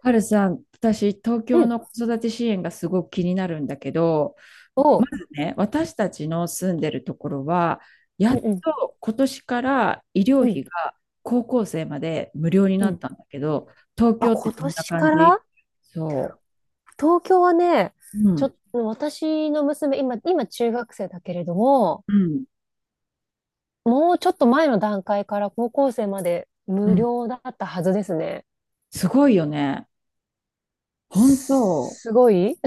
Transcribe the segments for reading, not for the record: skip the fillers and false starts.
はるさん、私、東う京ん。の子育て支援がすごく気になるんだけど、おまう。ずね、私たちの住んでるところは、やうっんうん。と今年から医う療ん。費が高校生まで無料にうなっん。たんだけど、東あ、京って今どんな年感かじ？らそ東京はね、う。うちょっん。と、私の娘、今中学生だけれども、うん。もうちょっと前の段階から高校生までう無ん。料だったはずですね。すごいよね。本当、すすごい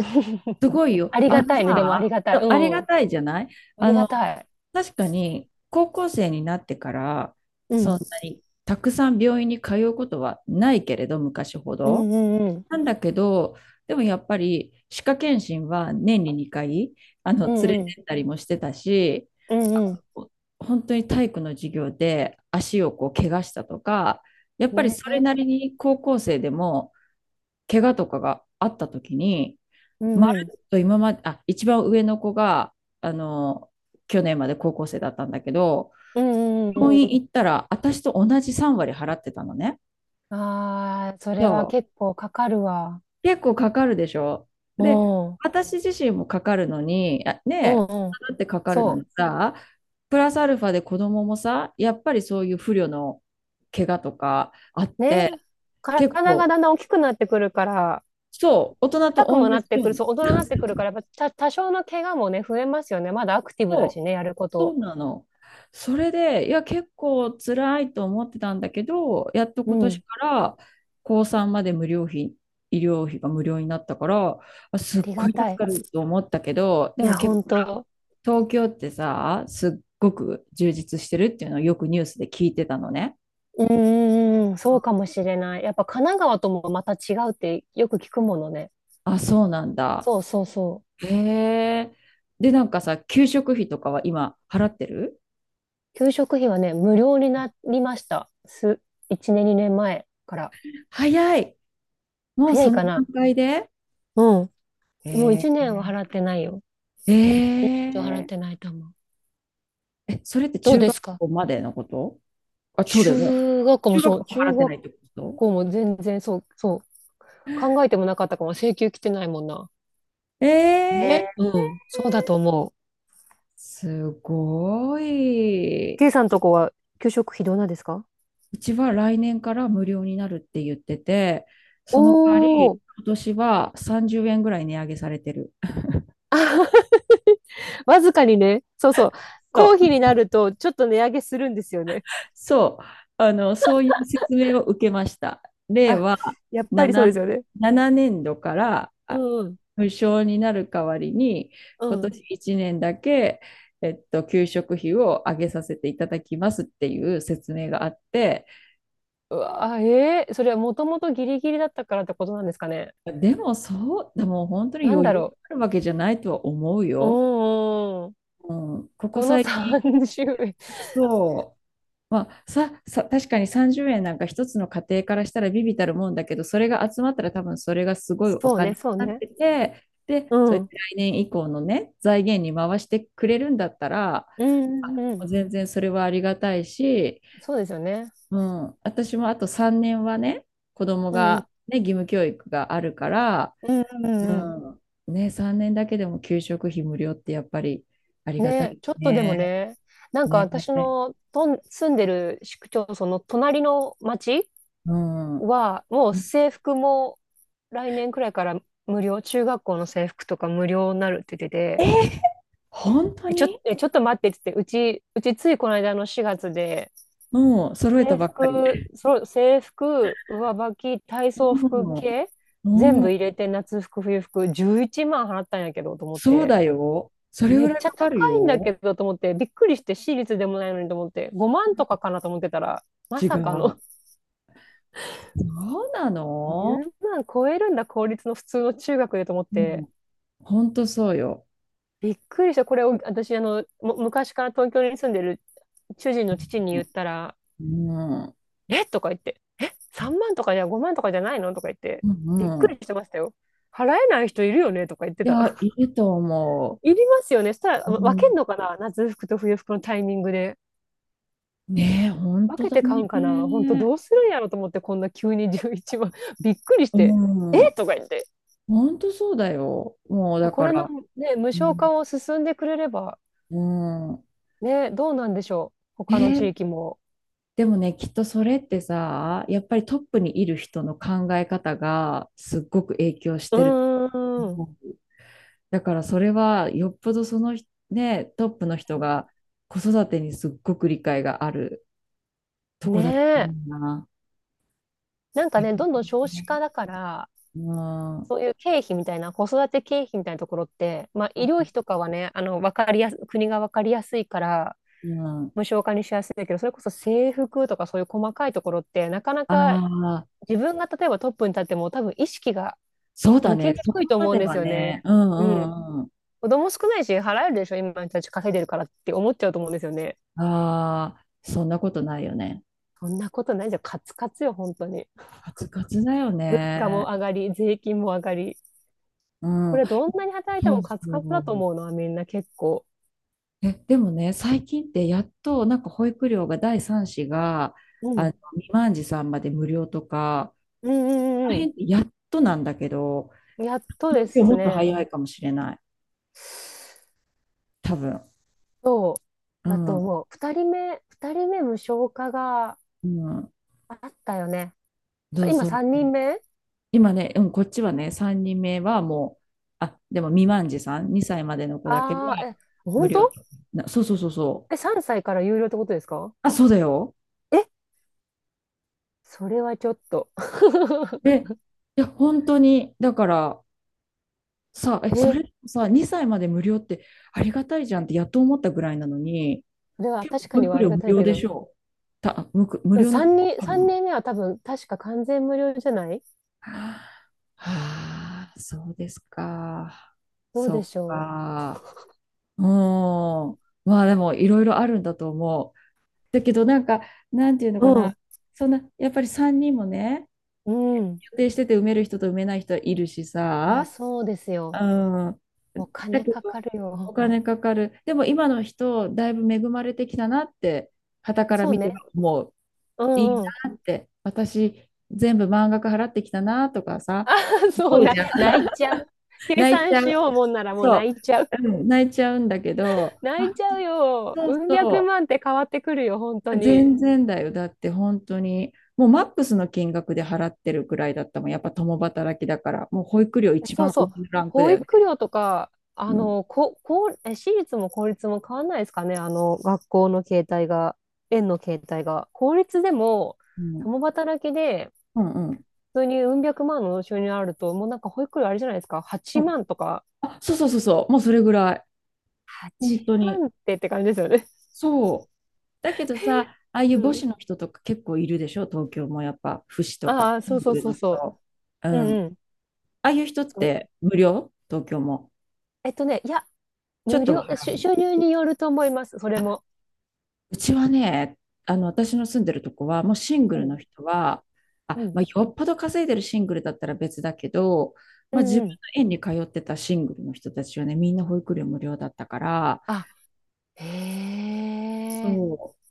すごい よ。ありあがのたいね。でもありさ、がたい。ありうがん。たいじゃない？あありがの、たい。確かに高校生になってからうそん。んなにたくさん病院に通うことはないけれど、昔ほうど。んうんうん。なんだけど、でもやっぱり歯科検診は年に2回う連んうれん。てったりもしてたし、うあんうの本当に体育の授業で足をこう怪我したとか、やっん。ぱりねそれえ。なりに高校生でも怪我とかがあった時に、うんまうん。るっと今まで、あ、一番上の子が、あの、去年まで高校生だったんだけど、うんうんうんう病院行ったら、私と同じ3割払ってたのね。ん。ああ、そそれは結う。構かかるわ。結構かかるでしょ。うで、ん。私自身もかかるのに、あうねんえ、うん。だってかかるのにそさ、プラスアルファで子供もさ、やっぱりそういう不慮の怪我とかあっう。て、ね。結体が構、だんだん大きくなってくるから、そう、大人と硬く同じもなってようくる、に。そう、大人にな ってくるから、やっぱた、多少の怪我もね、増えますよね。まだアクティブだしそう、ね、やるこそと。うなの。それで、いや、結構辛いと思ってたんだけど、やっとう今年ん。から高3まで無料費、医療費が無料になったから、あ、すあっりごがい助たい。かると思ったけど、でいもや、結本当。構東京ってさ、すっごく充実してるっていうのをよくニュースで聞いてたのね。うんうんうん、そうかもしれない。やっぱ神奈川ともまた違うってよく聞くものね。あ、そうなんだ。そうそうそう。へえ。で、なんかさ、給食費とかは今払ってる？給食費はね、無料になりました。1年、2年前から。早い。もう早そいのかな。段階でうん。もうえ1年は払っーてないよ。え1年以上払っーてないと思う。え、それってどう中で学すか？校までのこと？あ、そうだよね。中学校も中そ学う、校払中ってな学いってこと？校も全然そう、そう、考えてもなかったかも、請求来てないもんな。えねー、うん、そうだと思う。すごい。K さんとこは給食費どうなんですか？うちは来年から無料になるって言ってて、おその代わり、ー、今年は30円ぐらい値上げされてる。あ、わずかにね、そうそう、公そう費になるとちょっと値上げするんですよね。そう、そういう説明を受けました。令あ、和やっぱりそう7、ですよね。7年度からうん、無償になる代わりに、う今ん。年1年だけ、給食費を上げさせていただきますっていう説明があって、うわ、それはもともとギリギリだったからってことなんですかね。でもそう、でも本当になん余だ裕ろがあるわけじゃないとは思うう。うよ。ん、うん。うん、ここその最近、30円。そう。まあ、さ、確かに30円なんか一つの家庭からしたら微々たるもんだけど、それが集まったら多分それがすごいおそう金ね、にそうなっね。てて、で、うそうん。やうっんて来年以降のね、財源に回してくれるんだったら、うんうあ、ん。全然それはありがたいし、そうですよね。うん、私もあと3年はね、子供うん。がね、義務教育があるから、うんうんううんうん。ん、ね、3年だけでも給食費無料ってやっぱりありがたね、いちょっとでもね。ね、なんか私ね。の住んでる市区町村の隣の町うん。は、もう制服も来年くらいから無料、中学校の制服とか無料になるって言っえてー、て、本当えちょ、に？えちょっと待ってって言って、うちついこの間の4月で、もう揃えた制ばっかり。服、そう、制服、上履き、体操服う系、全ん、う部ん、入れて夏服、冬服、11万払ったんやけどと思っそうて、だよ。そえれめぐっらいちゃか高かるいんだけよ。どと思って、びっくりして、私立でもないのにと思って、5万とかかなと思ってたら、ま違さかの う。そうな の？10万超えるんだ、公立の普通の中学でと思っうて、ん、ほんとそうよ。びっくりした。これを私、昔から東京に住んでる主人の父に言ったら、うん、えとか言って、え ?3 万とかじゃ5万とかじゃないのとか言って、うびっん、うくりん。してましたよ。払えない人いるよねとか言っていた。や、いいと思いりますよね。そしたら、う。う分けんん、のかな夏服と冬服のタイミングで。ねえ、ほん分とけだて買うね。んかな本当どうするんやろと思って、こんな急に11万。びっくりしうて、えん、とか言って。ほんとそうだよ。もうだこかれの、ら、ね、無う償ん、化を進んでくれれば、うん。ね、どうなんでしょう。え他の地ー域も。でもね、きっとそれってさ、やっぱりトップにいる人の考え方がすっごく影響しうてるとーん。思う。だからそれはよっぽどその人、ね、トップの人が子育てにすっごく理解があるとねこだと思え。うな。なんへかえ、ね、どんどん少子化だから、うん、そういう経費みたいな、子育て経費みたいなところって、まあ、医療費とかはね、わかりやす、国がわかりやすいから、うん。無償化にしやすいけど、それこそ制服とかそういう細かいところって、なかなあかあ、自分が例えばトップに立っても、多分意識がそうだ向きね。にそこくいとま思うでんですはよね。ね。うん、ううん。ん、うん。子供少ないし、払えるでしょ、今の人たち稼いでるからって思っちゃうと思うんですよね。ああ、そんなことないよね。そんなことないじゃん、カツカツよ、本当に。カツカツだよ物価もね。上がり、税金も上がり。うこん。れどんなに働いてそもうカそツカツだとう。思うのはみんな結構。え、でもね、最近ってやっとなんか保育料が第三子がうん未満児さんまで無料とか、うんうあんうのんう辺ってやっとなんだけど、ん。やっとで東京もすっとね。早いかもしれない、多分。そううだとん、思う。二人目無償化がうん、あったよね。そさう今そ三う。人目今ね、うん、こっちはね、3人目はもう、あ、でも未満児さん、2歳までの子だけはああー、え、無本当？料とな、そうそうそうそえ、う。3歳から有料ってことですか？あ、そうだよ。え、それはちょっと。で、いや、本当に、だから、さあ、え、そえ、れさ、2歳まで無料ってありがたいじゃんってやっと思ったぐらいなのに、それは結構確か保には育あり料が無たい料けでしど。ょう。無うん料のとこ三人、ある三の？人目は多分確か完全無料じゃない？はあ、そうですか。どうでそしっょか。うん。まあでもいろいろあるんだと思う。だけどなんか、なんていうのかう？な。そんな、やっぱり3人もね、うん。うん。予定してて埋める人と埋めない人いるしいや、さ、そうですうよ。ん。おだ金けかかど、るおよ。金かかる。でも今の人、だいぶ恵まれてきたなって、傍からそう見てね。もういいうん なって、私、全部満額払ってきたなとかさ、そう思うな、じゃん。泣 いちゃう。計泣いち算ゃしう。ようもんならもうそ泣う。いちゃう。うん、泣いちゃうんだけど、泣あ、いちゃうよ。そううん百そ万って変わってくるよ、本当う。に。全然だよ。だって本当に、もうマックスの金額で払ってるくらいだったもん。やっぱ共働きだから、もう保育料一そう番そ上う。のランクだ保よね。育料とか、うん。こう、私立も公立も変わんないですかね、学校の形態が、園の形態が。公立でも、うん。共働きで、うん、うん。普通にうん百万の収入あると、もうなんか保育料あれじゃないですか、う8ん、万とか。あ、そうそうそうそう、もうそれぐらい。本8当に。万って感じですよね。そう。だけどさ、ああいうう母子ん。の人とか結構いるでしょ、東京もやっぱ、父子とか、ああ、シそンうグそうルそうのそ人。うう。うん。んうん。ああいう人っそて無料？東京も。えっとね、いや、ちょっ無とは料、払う。収入によると思います、それも。うちはね、私の住んでるとこは、もうシングうルのん、人は、うあ、ん、まあ、よっぽど稼いでるシングルだったら別だけど、うまあ、自ん、う分のん。園に通ってたシングルの人たちはね、みんな保育料無料だったから、あ、へえ、そう。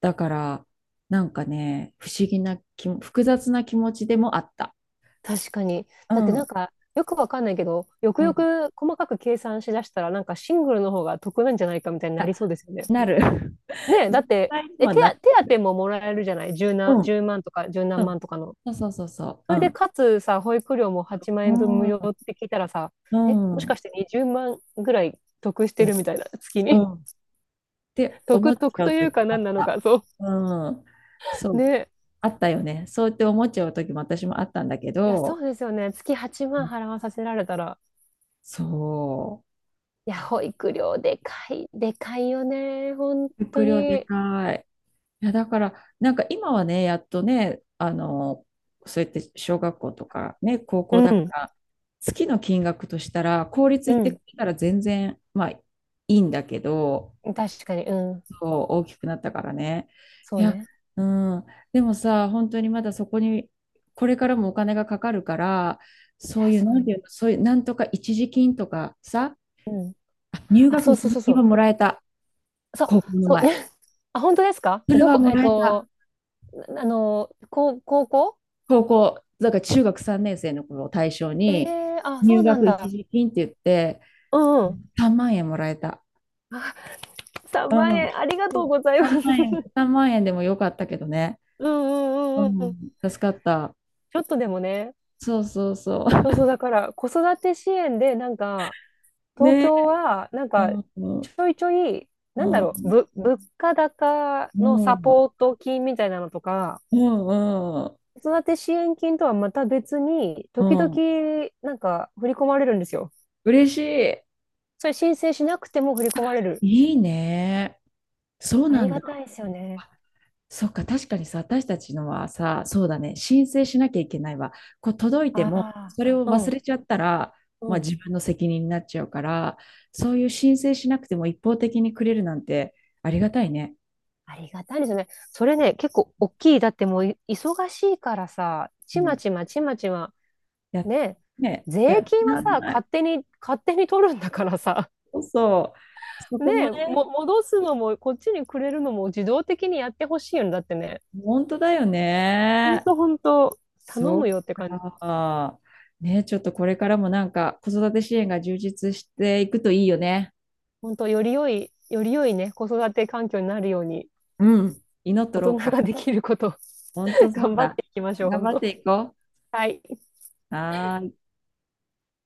だから、なんかね、不思議な気も、複雑な気持ちでもあった。確かに。うだってなんん、か、よくわかんないけど、よくうよん。く細かく計算しだしたら、なんかシングルの方が得なんじゃないかみたいになあ、りそうですよね。なる。ねえ、実だって、際にえ、は手なっ当、て手当る。ももらえるじゃない？十何、うん、十万とか十う何万ん。とかの。そうそうそうそそう。うれで、ん。かつさ、保育料も8万う円分無ん、料って聞いたらさ、うえ、もしん、かして20万ぐらい得してうるん、みたいな、月うに。ん。って思っ得、ち得ゃとういう時かあ何っなのた。か、そうん。そう。う。ね。あったよね。そうやって思っちゃう時も私もあったんだけいや、そど、うですよね。月8万払わさせられたら。そう。いや、あ、保育料でかい、でかいよね。本当迫力でに。かい。いや、だから、なんか今はね、やっとね、そうやって小学校とかね、高う校だかん。ら、月の金額としたら、公立う行ってくん。れたら全然、まあ、いいんだけど、確かに。うん。そう、大きくなったからね。そいうや、ね。うん、でもさ、本当にまだそこに、これからもお金がかかるから、いや、そういう、そうなんいていうの、そういう、なんとか一時金とかさ、ううん。入あ、学そう一そう時そう金そはう。もらえた、そう、高校のそう前。ね。あ、本当ですか？それどはこ、もらえた。高校高校、だから中学3年生の頃を対象えに、えー、あ、そ入うなん学一だ。時金って言って、うんうん。3万円もらえた。あ、3う万ん。円、ありがそとうう、ござい3ます。万円、3万円でもよかったけどね。ううんうんうんうん。ん。ち助かった。ょっとでもね、そうそうそそうそう、だから子育て支援で、なんか、う。東ねえ。京は、なんうか、ちん。ょいちょい、うなんだろう、ん。物価高うのサん。ポート金みたいなのとか、うん。うん。子育て支援金とはまた別に、う時ん、々、なんか、振り込まれるんですよ。嬉しい。それ申請しなくても振り込まれる。いいね。そうあなりんだ。がたいですよね。そっか、確かにさ、私たちのはさ、そうだね、申請しなきゃいけないわ。こう届いあても、それをあ、う忘ん、れちゃったら、うまあ、ん。自分の責任になっちゃうから、そういう申請しなくても一方的にくれるなんてありがたいね。ありがたいですよね。それね、結構大きい。だってもう忙しいからさ、うちまん。ちまちまちま、や、ねね、え、税や、金はなんさ、ない。勝手に、勝手に取るんだからさ、そうそう。そねこもえ、ね、戻すのも、こっちにくれるのも自動的にやってほしいよね。だってね、本当だよほんね。とほんと、頼むそよってっ感じ。か。ね、ちょっとこれからもなんか子育て支援が充実していくといいよね。ほんと、より良い、より良いね、子育て環境になるように、うん。祈っと大ろ人うがか。できること、本当 そう頑張っだ。ていきましょう、ほ頑ん張っと。ていこはい。う。はーい。